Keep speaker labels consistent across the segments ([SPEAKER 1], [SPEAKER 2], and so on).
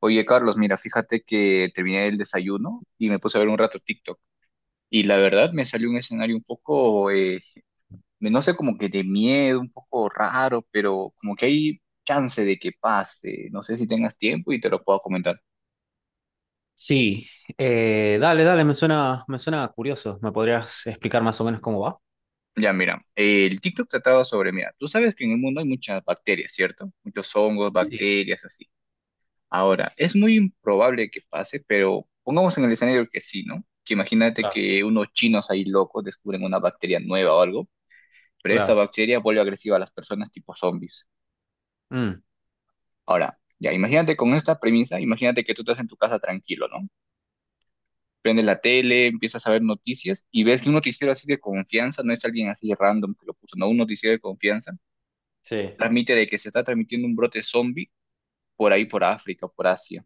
[SPEAKER 1] Oye, Carlos, mira, fíjate que terminé el desayuno y me puse a ver un rato TikTok. Y la verdad me salió un escenario un poco, no sé, como que de miedo, un poco raro, pero como que hay chance de que pase. No sé si tengas tiempo y te lo puedo comentar.
[SPEAKER 2] Sí, dale, dale, me suena curioso. ¿Me podrías explicar más o menos cómo va?
[SPEAKER 1] Ya, mira, el TikTok trataba sobre, mira, tú sabes que en el mundo hay muchas bacterias, ¿cierto? Muchos hongos,
[SPEAKER 2] Sí,
[SPEAKER 1] bacterias, así. Ahora, es muy improbable que pase, pero pongamos en el escenario que sí, ¿no? Que imagínate
[SPEAKER 2] claro,
[SPEAKER 1] que unos chinos ahí locos descubren una bacteria nueva o algo, pero esta
[SPEAKER 2] claro.
[SPEAKER 1] bacteria vuelve agresiva a las personas tipo zombies.
[SPEAKER 2] Mm,
[SPEAKER 1] Ahora, ya, imagínate con esta premisa, imagínate que tú estás en tu casa tranquilo, ¿no? Prendes la tele, empiezas a ver noticias y ves que un noticiero así de confianza, no es alguien así random que lo puso, no, un noticiero de confianza,
[SPEAKER 2] sí,
[SPEAKER 1] transmite de que se está transmitiendo un brote zombie por ahí, por África, por Asia.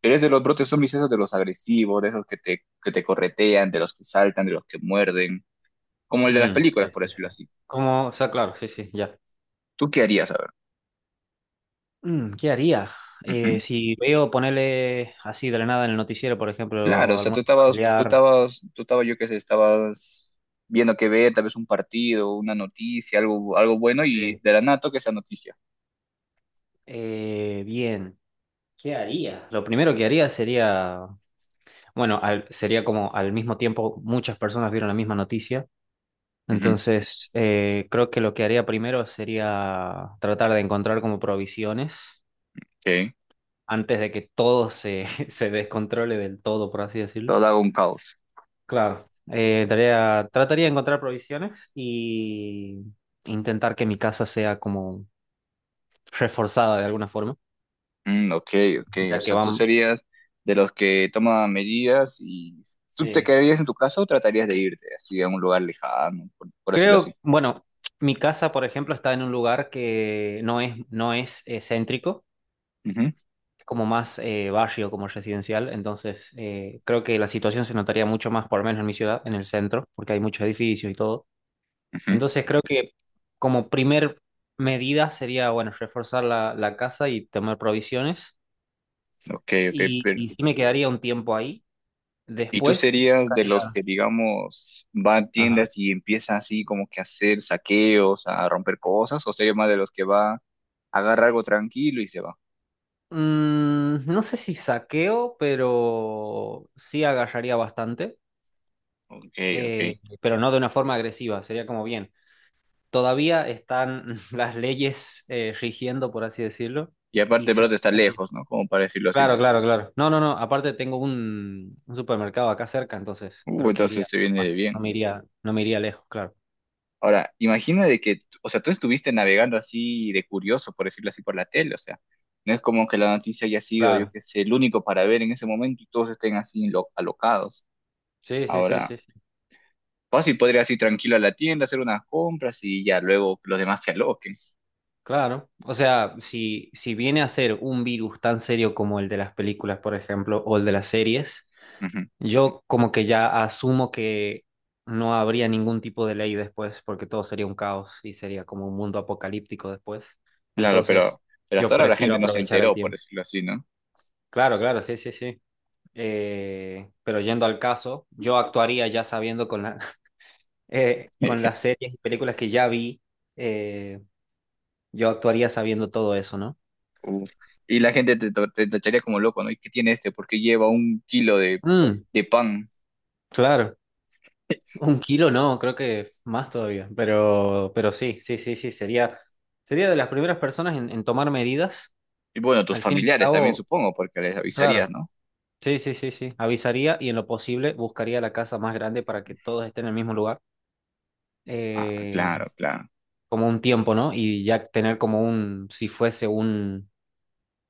[SPEAKER 1] Pero es de los brotes zombies esos de los agresivos, de esos que te corretean, de los que saltan, de los que muerden, como el de las
[SPEAKER 2] mm,
[SPEAKER 1] películas,
[SPEAKER 2] sí,
[SPEAKER 1] por
[SPEAKER 2] sí,
[SPEAKER 1] decirlo
[SPEAKER 2] sí.
[SPEAKER 1] así.
[SPEAKER 2] ¿Cómo? O sea, claro, sí, sí, ya.
[SPEAKER 1] ¿Tú qué harías, a ver?
[SPEAKER 2] Mm, ¿qué haría? Si veo ponerle así de la nada en el noticiero, por
[SPEAKER 1] Claro, o
[SPEAKER 2] ejemplo,
[SPEAKER 1] sea, tú
[SPEAKER 2] almuerzo
[SPEAKER 1] estabas, tú
[SPEAKER 2] familiar.
[SPEAKER 1] estabas, tú estabas, yo qué sé, estabas viendo que ver, tal vez un partido, una noticia, algo, algo bueno, y
[SPEAKER 2] Sí.
[SPEAKER 1] de la nada que esa noticia.
[SPEAKER 2] Bien, ¿qué haría? Lo primero que haría sería, bueno, sería como al mismo tiempo muchas personas vieron la misma noticia.
[SPEAKER 1] Ujú,
[SPEAKER 2] Entonces, creo que lo que haría primero sería tratar de encontrar como provisiones
[SPEAKER 1] ok.
[SPEAKER 2] antes de que todo se descontrole del todo, por así decirlo.
[SPEAKER 1] Todo un caos.
[SPEAKER 2] Claro. Trataría de encontrar provisiones y intentar que mi casa sea como reforzada de alguna forma,
[SPEAKER 1] Mm, ok, ok. O
[SPEAKER 2] ya que
[SPEAKER 1] sea, tú
[SPEAKER 2] van...
[SPEAKER 1] serías de los que toman medidas y tú te
[SPEAKER 2] Sí.
[SPEAKER 1] quedarías en tu casa o tratarías de irte así a un lugar lejano, por decirlo así.
[SPEAKER 2] Creo, bueno, mi casa, por ejemplo, está en un lugar que no es céntrico.
[SPEAKER 1] Ujú,
[SPEAKER 2] Es como más barrio, como residencial, entonces creo que la situación se notaría mucho más, por lo menos en mi ciudad, en el centro, porque hay muchos edificios y todo.
[SPEAKER 1] ujú.
[SPEAKER 2] Entonces creo que como primer medida sería, bueno, reforzar la casa y tomar provisiones.
[SPEAKER 1] Ok, ok.
[SPEAKER 2] Y sí me quedaría un tiempo ahí.
[SPEAKER 1] ¿Y tú
[SPEAKER 2] Después
[SPEAKER 1] serías de los
[SPEAKER 2] buscaría...
[SPEAKER 1] que, digamos, va a
[SPEAKER 2] Ajá.
[SPEAKER 1] tiendas y empieza así como que a hacer saqueos, a romper cosas? ¿O serías más de los que va a agarrar algo tranquilo y se va?
[SPEAKER 2] Mm, no sé si saqueo, pero sí agarraría bastante,
[SPEAKER 1] Ok, ok.
[SPEAKER 2] pero no de una forma agresiva, sería como bien. Todavía están las leyes rigiendo, por así decirlo,
[SPEAKER 1] Y aparte,
[SPEAKER 2] y
[SPEAKER 1] el
[SPEAKER 2] se
[SPEAKER 1] brazo está
[SPEAKER 2] supone que...
[SPEAKER 1] lejos, ¿no? Como para decirlo así.
[SPEAKER 2] Claro, claro, claro. No, no, no, aparte tengo un supermercado acá cerca, entonces creo que
[SPEAKER 1] Entonces
[SPEAKER 2] iría
[SPEAKER 1] se viene de
[SPEAKER 2] más, no
[SPEAKER 1] bien.
[SPEAKER 2] me iría, no me iría lejos, claro.
[SPEAKER 1] Ahora, imagina de que, o sea, tú estuviste navegando así de curioso, por decirlo así, por la tele, o sea, no es como que la noticia haya sido, yo
[SPEAKER 2] Claro.
[SPEAKER 1] qué sé, el único para ver en ese momento y todos estén así alocados.
[SPEAKER 2] Sí, sí, sí,
[SPEAKER 1] Ahora.
[SPEAKER 2] sí, sí.
[SPEAKER 1] Pues y podrías ir tranquilo a la tienda, hacer unas compras y ya luego los demás se aloquen.
[SPEAKER 2] Claro. O sea, si viene a ser un virus tan serio como el de las películas, por ejemplo, o el de las series,
[SPEAKER 1] Ujú.
[SPEAKER 2] yo como que ya asumo que no habría ningún tipo de ley después, porque todo sería un caos y sería como un mundo apocalíptico después.
[SPEAKER 1] Claro,
[SPEAKER 2] Entonces,
[SPEAKER 1] pero hasta
[SPEAKER 2] yo
[SPEAKER 1] ahora la
[SPEAKER 2] prefiero
[SPEAKER 1] gente no se
[SPEAKER 2] aprovechar el
[SPEAKER 1] enteró, por
[SPEAKER 2] tiempo.
[SPEAKER 1] decirlo así, ¿no?
[SPEAKER 2] Claro, claro, sí, sí, sí. Pero yendo al caso, yo actuaría ya sabiendo con con las series y películas que ya vi, eh, yo actuaría sabiendo todo eso, ¿no?
[SPEAKER 1] Uf. Y la gente te tacharía como loco, ¿no? ¿Y qué tiene este? ¿Por qué lleva un kilo
[SPEAKER 2] Mm,
[SPEAKER 1] de pan?
[SPEAKER 2] claro. Un kilo no, creo que más todavía, pero sí, sí, sí, sí, sería, sería de las primeras personas en tomar medidas.
[SPEAKER 1] Y bueno, tus
[SPEAKER 2] Al fin y al
[SPEAKER 1] familiares también
[SPEAKER 2] cabo,
[SPEAKER 1] supongo, porque les avisarías,
[SPEAKER 2] claro,
[SPEAKER 1] ¿no?
[SPEAKER 2] sí, sí, sí, sí, avisaría y en lo posible buscaría la casa más grande para que todos estén en el mismo lugar,
[SPEAKER 1] Ah,
[SPEAKER 2] eh,
[SPEAKER 1] claro, claro.
[SPEAKER 2] como un tiempo, ¿no? Y ya tener como un, si fuese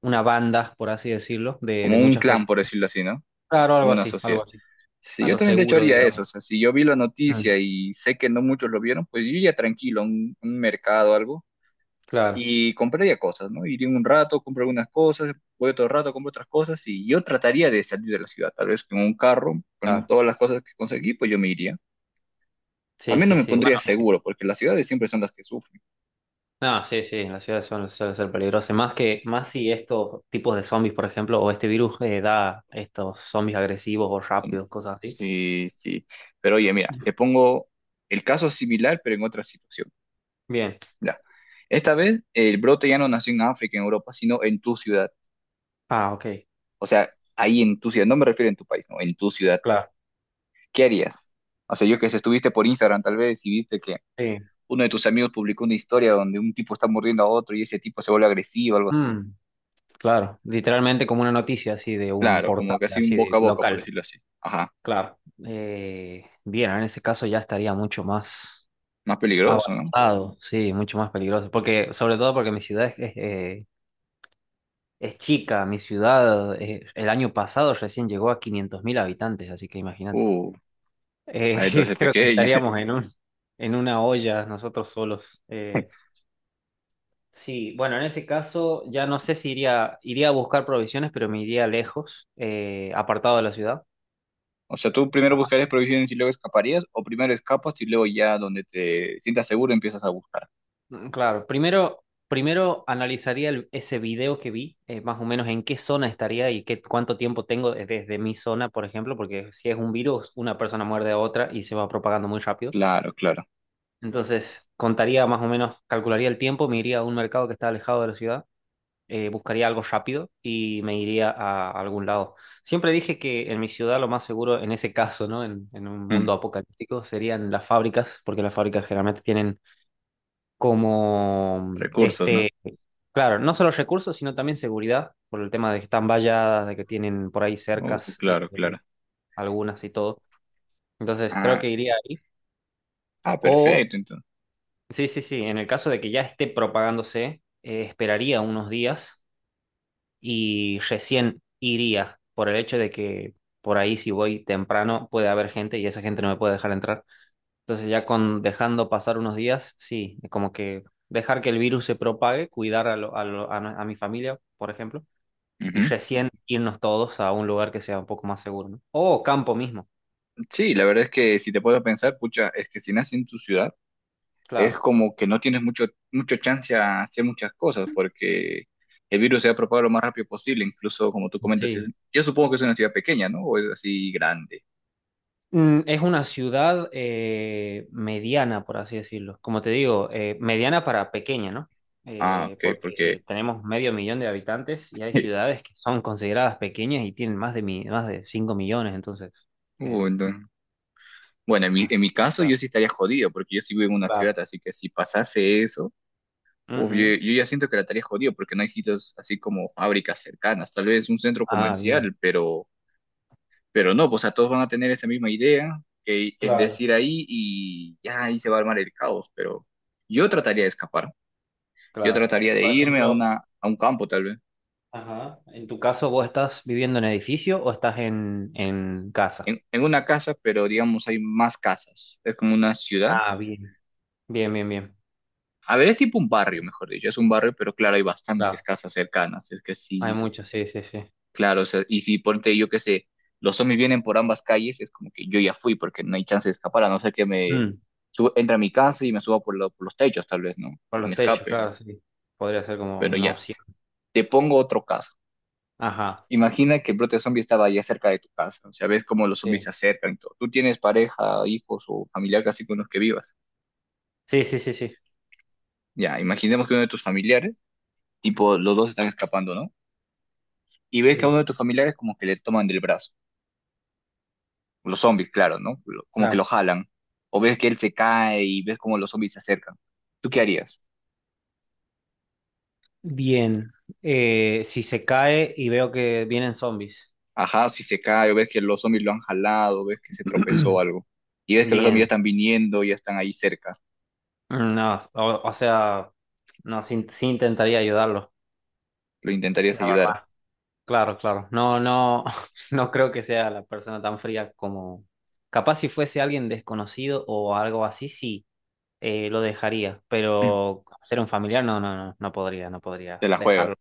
[SPEAKER 2] una banda, por así decirlo,
[SPEAKER 1] Como
[SPEAKER 2] de
[SPEAKER 1] un
[SPEAKER 2] muchas
[SPEAKER 1] clan,
[SPEAKER 2] personas.
[SPEAKER 1] por decirlo así, ¿no?
[SPEAKER 2] Claro,
[SPEAKER 1] Como una sociedad.
[SPEAKER 2] algo así,
[SPEAKER 1] Sí,
[SPEAKER 2] a
[SPEAKER 1] yo
[SPEAKER 2] lo
[SPEAKER 1] también de hecho
[SPEAKER 2] seguro,
[SPEAKER 1] haría eso.
[SPEAKER 2] digamos.
[SPEAKER 1] O sea, si yo vi la
[SPEAKER 2] Mm,
[SPEAKER 1] noticia y sé que no muchos lo vieron, pues yo iría tranquilo a un mercado o algo
[SPEAKER 2] claro,
[SPEAKER 1] y compraría cosas, ¿no? Iría un rato, compro algunas cosas, voy otro rato, compro otras cosas y yo trataría de salir de la ciudad, tal vez con un carro, con
[SPEAKER 2] claro,
[SPEAKER 1] todas las cosas que conseguí, pues yo me iría. Al
[SPEAKER 2] sí,
[SPEAKER 1] menos
[SPEAKER 2] sí,
[SPEAKER 1] me
[SPEAKER 2] sí.
[SPEAKER 1] pondría seguro, porque las ciudades siempre son las que sufren.
[SPEAKER 2] No, sí, sí, en la ciudad suele, suele ser peligroso. Más que, más si estos tipos de zombies, por ejemplo, o este virus da estos zombies agresivos o
[SPEAKER 1] Son-
[SPEAKER 2] rápidos, cosas así.
[SPEAKER 1] Sí, sí. Pero oye, mira, te pongo el caso similar, pero en otra situación.
[SPEAKER 2] Bien.
[SPEAKER 1] Mira, esta vez el brote ya no nació en África, en Europa, sino en tu ciudad.
[SPEAKER 2] Ah, ok.
[SPEAKER 1] O sea, ahí en tu ciudad, no me refiero en tu país, no, en tu ciudad.
[SPEAKER 2] Claro.
[SPEAKER 1] ¿Qué harías? O sea, yo que sé, estuviste por Instagram tal vez y viste que
[SPEAKER 2] Sí.
[SPEAKER 1] uno de tus amigos publicó una historia donde un tipo está mordiendo a otro y ese tipo se vuelve agresivo, algo así.
[SPEAKER 2] Mm, claro. Literalmente como una noticia así de un
[SPEAKER 1] Claro,
[SPEAKER 2] portal,
[SPEAKER 1] como casi un
[SPEAKER 2] así
[SPEAKER 1] boca
[SPEAKER 2] de
[SPEAKER 1] a boca, por
[SPEAKER 2] local.
[SPEAKER 1] decirlo así. Ajá,
[SPEAKER 2] Claro. Bien, en ese caso ya estaría mucho más
[SPEAKER 1] más peligroso, ¿no?
[SPEAKER 2] avanzado, sí, mucho más peligroso. Porque, sobre todo porque mi ciudad es chica, mi ciudad el año pasado recién llegó a 500 000 habitantes, así que imagínate.
[SPEAKER 1] Uh,
[SPEAKER 2] Eh,
[SPEAKER 1] ah, entonces
[SPEAKER 2] creo que
[SPEAKER 1] pequeña.
[SPEAKER 2] estaríamos en un, en una olla nosotros solos. Sí, bueno, en ese caso ya no sé si iría, iría a buscar provisiones, pero me iría lejos, apartado de la ciudad.
[SPEAKER 1] O sea, tú primero buscarías provisiones y luego escaparías, o primero escapas y luego ya donde te sientas seguro empiezas a buscar.
[SPEAKER 2] Mm, claro, primero, primero analizaría ese video que vi, más o menos en qué zona estaría y cuánto tiempo tengo desde mi zona, por ejemplo, porque si es un virus, una persona muerde a otra y se va propagando muy rápido.
[SPEAKER 1] Claro, claro.
[SPEAKER 2] Entonces, contaría más o menos, calcularía el tiempo, me iría a un mercado que está alejado de la ciudad, buscaría algo rápido y me iría a algún lado. Siempre dije que en mi ciudad lo más seguro, en ese caso, ¿no? En un
[SPEAKER 1] Mm,
[SPEAKER 2] mundo apocalíptico, serían las fábricas, porque las fábricas generalmente tienen como
[SPEAKER 1] recursos, ¿no?
[SPEAKER 2] este, claro, no solo recursos, sino también seguridad, por el tema de que están valladas, de que tienen por ahí cercas,
[SPEAKER 1] Claro, claro.
[SPEAKER 2] algunas y todo. Entonces, creo
[SPEAKER 1] Ah,
[SPEAKER 2] que iría ahí.
[SPEAKER 1] ah,
[SPEAKER 2] O
[SPEAKER 1] perfecto, entonces.
[SPEAKER 2] sí, sí, sí. En el caso de que ya esté propagándose, esperaría unos días y recién iría por el hecho de que por ahí si voy temprano puede haber gente y esa gente no me puede dejar entrar. Entonces ya con dejando pasar unos días, sí, como que dejar que el virus se propague, cuidar a, lo- a, lo- a no- a mi familia, por ejemplo, y
[SPEAKER 1] Ujú.
[SPEAKER 2] recién irnos todos a un lugar que sea un poco más seguro, ¿no? O campo mismo,
[SPEAKER 1] Sí, la verdad es que si te puedo pensar, pucha, es que si naces en tu ciudad, es
[SPEAKER 2] claro.
[SPEAKER 1] como que no tienes mucho, mucho chance a hacer muchas cosas porque el virus se ha propagado lo más rápido posible, incluso como tú comentas,
[SPEAKER 2] Sí.
[SPEAKER 1] yo supongo que es una ciudad pequeña, ¿no? O es así grande.
[SPEAKER 2] Mm, es una ciudad mediana, por así decirlo. Como te digo, mediana para pequeña, ¿no?
[SPEAKER 1] Ah, ok, porque...
[SPEAKER 2] Porque tenemos medio millón de habitantes y hay ciudades que son consideradas pequeñas y tienen más más de 5 000 000, entonces, eh,
[SPEAKER 1] entonces- Bueno, en en
[SPEAKER 2] así
[SPEAKER 1] mi
[SPEAKER 2] que
[SPEAKER 1] caso yo
[SPEAKER 2] está.
[SPEAKER 1] sí estaría jodido porque yo sí vivo en una ciudad,
[SPEAKER 2] Claro.
[SPEAKER 1] así que si pasase eso, uf,
[SPEAKER 2] Ujú.
[SPEAKER 1] yo ya siento que la estaría jodido porque no hay sitios así como fábricas cercanas, tal vez un centro
[SPEAKER 2] Ah, bien.
[SPEAKER 1] comercial, pero... Pero no, pues a todos van a tener esa misma idea, que es
[SPEAKER 2] Claro,
[SPEAKER 1] decir, ahí y ya ahí se va a armar el caos, pero yo trataría de escapar, yo
[SPEAKER 2] claro.
[SPEAKER 1] trataría de
[SPEAKER 2] Por
[SPEAKER 1] irme a
[SPEAKER 2] ejemplo,
[SPEAKER 1] una, a un campo tal vez,
[SPEAKER 2] ajá, en tu caso, ¿vos estás viviendo en edificio o estás en casa?
[SPEAKER 1] en una casa, pero digamos hay más casas, es como una ciudad.
[SPEAKER 2] Ah, bien. Bien, bien, bien.
[SPEAKER 1] A ver, es tipo un barrio, mejor dicho, es un barrio, pero claro, hay bastantes
[SPEAKER 2] Claro.
[SPEAKER 1] casas cercanas, es que
[SPEAKER 2] Hay
[SPEAKER 1] sí,
[SPEAKER 2] muchos, sí, sí, sí.
[SPEAKER 1] claro, o sea, y si ponte yo que sé, los zombies vienen por ambas calles, es como que yo ya fui porque no hay chance de escapar, a no ser que me
[SPEAKER 2] Mm.
[SPEAKER 1] suba, entre a mi casa y me suba por los techos tal vez, ¿no?
[SPEAKER 2] Con
[SPEAKER 1] Y me
[SPEAKER 2] los techos,
[SPEAKER 1] escape.
[SPEAKER 2] claro, sí. Podría ser como
[SPEAKER 1] Pero
[SPEAKER 2] una
[SPEAKER 1] ya,
[SPEAKER 2] opción.
[SPEAKER 1] te pongo otro caso.
[SPEAKER 2] Ajá,
[SPEAKER 1] Imagina que el brote zombie estaba allá cerca de tu casa. O sea, ves cómo los zombies se
[SPEAKER 2] sí.
[SPEAKER 1] acercan y todo. Tú tienes pareja, hijos o familiar casi con los que vivas.
[SPEAKER 2] Sí, sí, sí, sí.
[SPEAKER 1] Ya, imaginemos que uno de tus familiares, tipo, los dos están escapando, ¿no? Y ves que a uno
[SPEAKER 2] Sí,
[SPEAKER 1] de tus familiares como que le toman del brazo. Los zombies, claro, ¿no? Como que lo
[SPEAKER 2] claro.
[SPEAKER 1] jalan. O ves que él se cae y ves cómo los zombies se acercan. ¿Tú qué harías?
[SPEAKER 2] Bien. Si se cae y veo que vienen zombies.
[SPEAKER 1] Ajá, si se cae, o ves que los zombies lo han jalado, ves que se tropezó o algo. Y ves que los zombies ya
[SPEAKER 2] Bien.
[SPEAKER 1] están viniendo, ya están ahí cerca.
[SPEAKER 2] No, o sea, no, sí, sí intentaría ayudarlo,
[SPEAKER 1] Lo intentarías
[SPEAKER 2] la
[SPEAKER 1] ayudar.
[SPEAKER 2] verdad. Claro, claro. No, no, no creo que sea la persona tan fría como... Capaz si fuese alguien desconocido o algo así, sí, lo dejaría. Pero ser un familiar, no, no, no, no podría, no podría
[SPEAKER 1] Te la juegas.
[SPEAKER 2] dejarlo.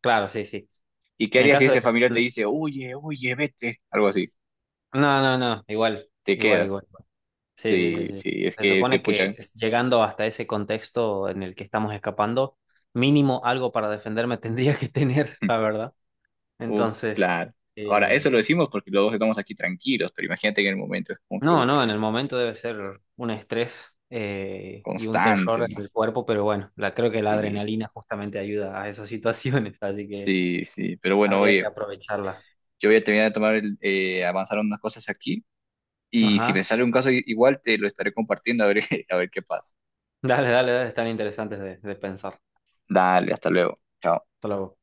[SPEAKER 2] Claro, sí, sí.
[SPEAKER 1] ¿Y qué
[SPEAKER 2] En el
[SPEAKER 1] harías si
[SPEAKER 2] caso de
[SPEAKER 1] ese
[SPEAKER 2] que...
[SPEAKER 1] familiar te dice, oye, oye, vete? Algo así,
[SPEAKER 2] No, no, no, igual,
[SPEAKER 1] te
[SPEAKER 2] igual,
[SPEAKER 1] quedas.
[SPEAKER 2] igual. Igual. Sí, sí,
[SPEAKER 1] Sí,
[SPEAKER 2] sí, sí.
[SPEAKER 1] sí, es
[SPEAKER 2] Se
[SPEAKER 1] que se
[SPEAKER 2] supone que
[SPEAKER 1] puchan.
[SPEAKER 2] llegando hasta ese contexto en el que estamos escapando, mínimo algo para defenderme tendría que tener, la verdad.
[SPEAKER 1] Uf,
[SPEAKER 2] Entonces,
[SPEAKER 1] claro. Ahora,
[SPEAKER 2] eh,
[SPEAKER 1] eso lo decimos porque los dos estamos aquí tranquilos, pero imagínate que en el momento es como que,
[SPEAKER 2] no,
[SPEAKER 1] uf,
[SPEAKER 2] no, en el momento debe ser un estrés y un
[SPEAKER 1] constante,
[SPEAKER 2] terror en
[SPEAKER 1] ¿no?
[SPEAKER 2] el cuerpo, pero bueno, creo que la
[SPEAKER 1] Sí,
[SPEAKER 2] adrenalina justamente ayuda a esas situaciones, así que
[SPEAKER 1] sí, sí. Pero bueno,
[SPEAKER 2] habría
[SPEAKER 1] oye,
[SPEAKER 2] que aprovecharla.
[SPEAKER 1] yo voy a terminar de tomar, avanzar unas cosas aquí y si me
[SPEAKER 2] Ajá.
[SPEAKER 1] sale un caso igual te lo estaré compartiendo a ver, a ver qué pasa.
[SPEAKER 2] Dale, dale, dale, están interesantes de pensar.
[SPEAKER 1] Dale, hasta luego. Chao.
[SPEAKER 2] Hasta luego.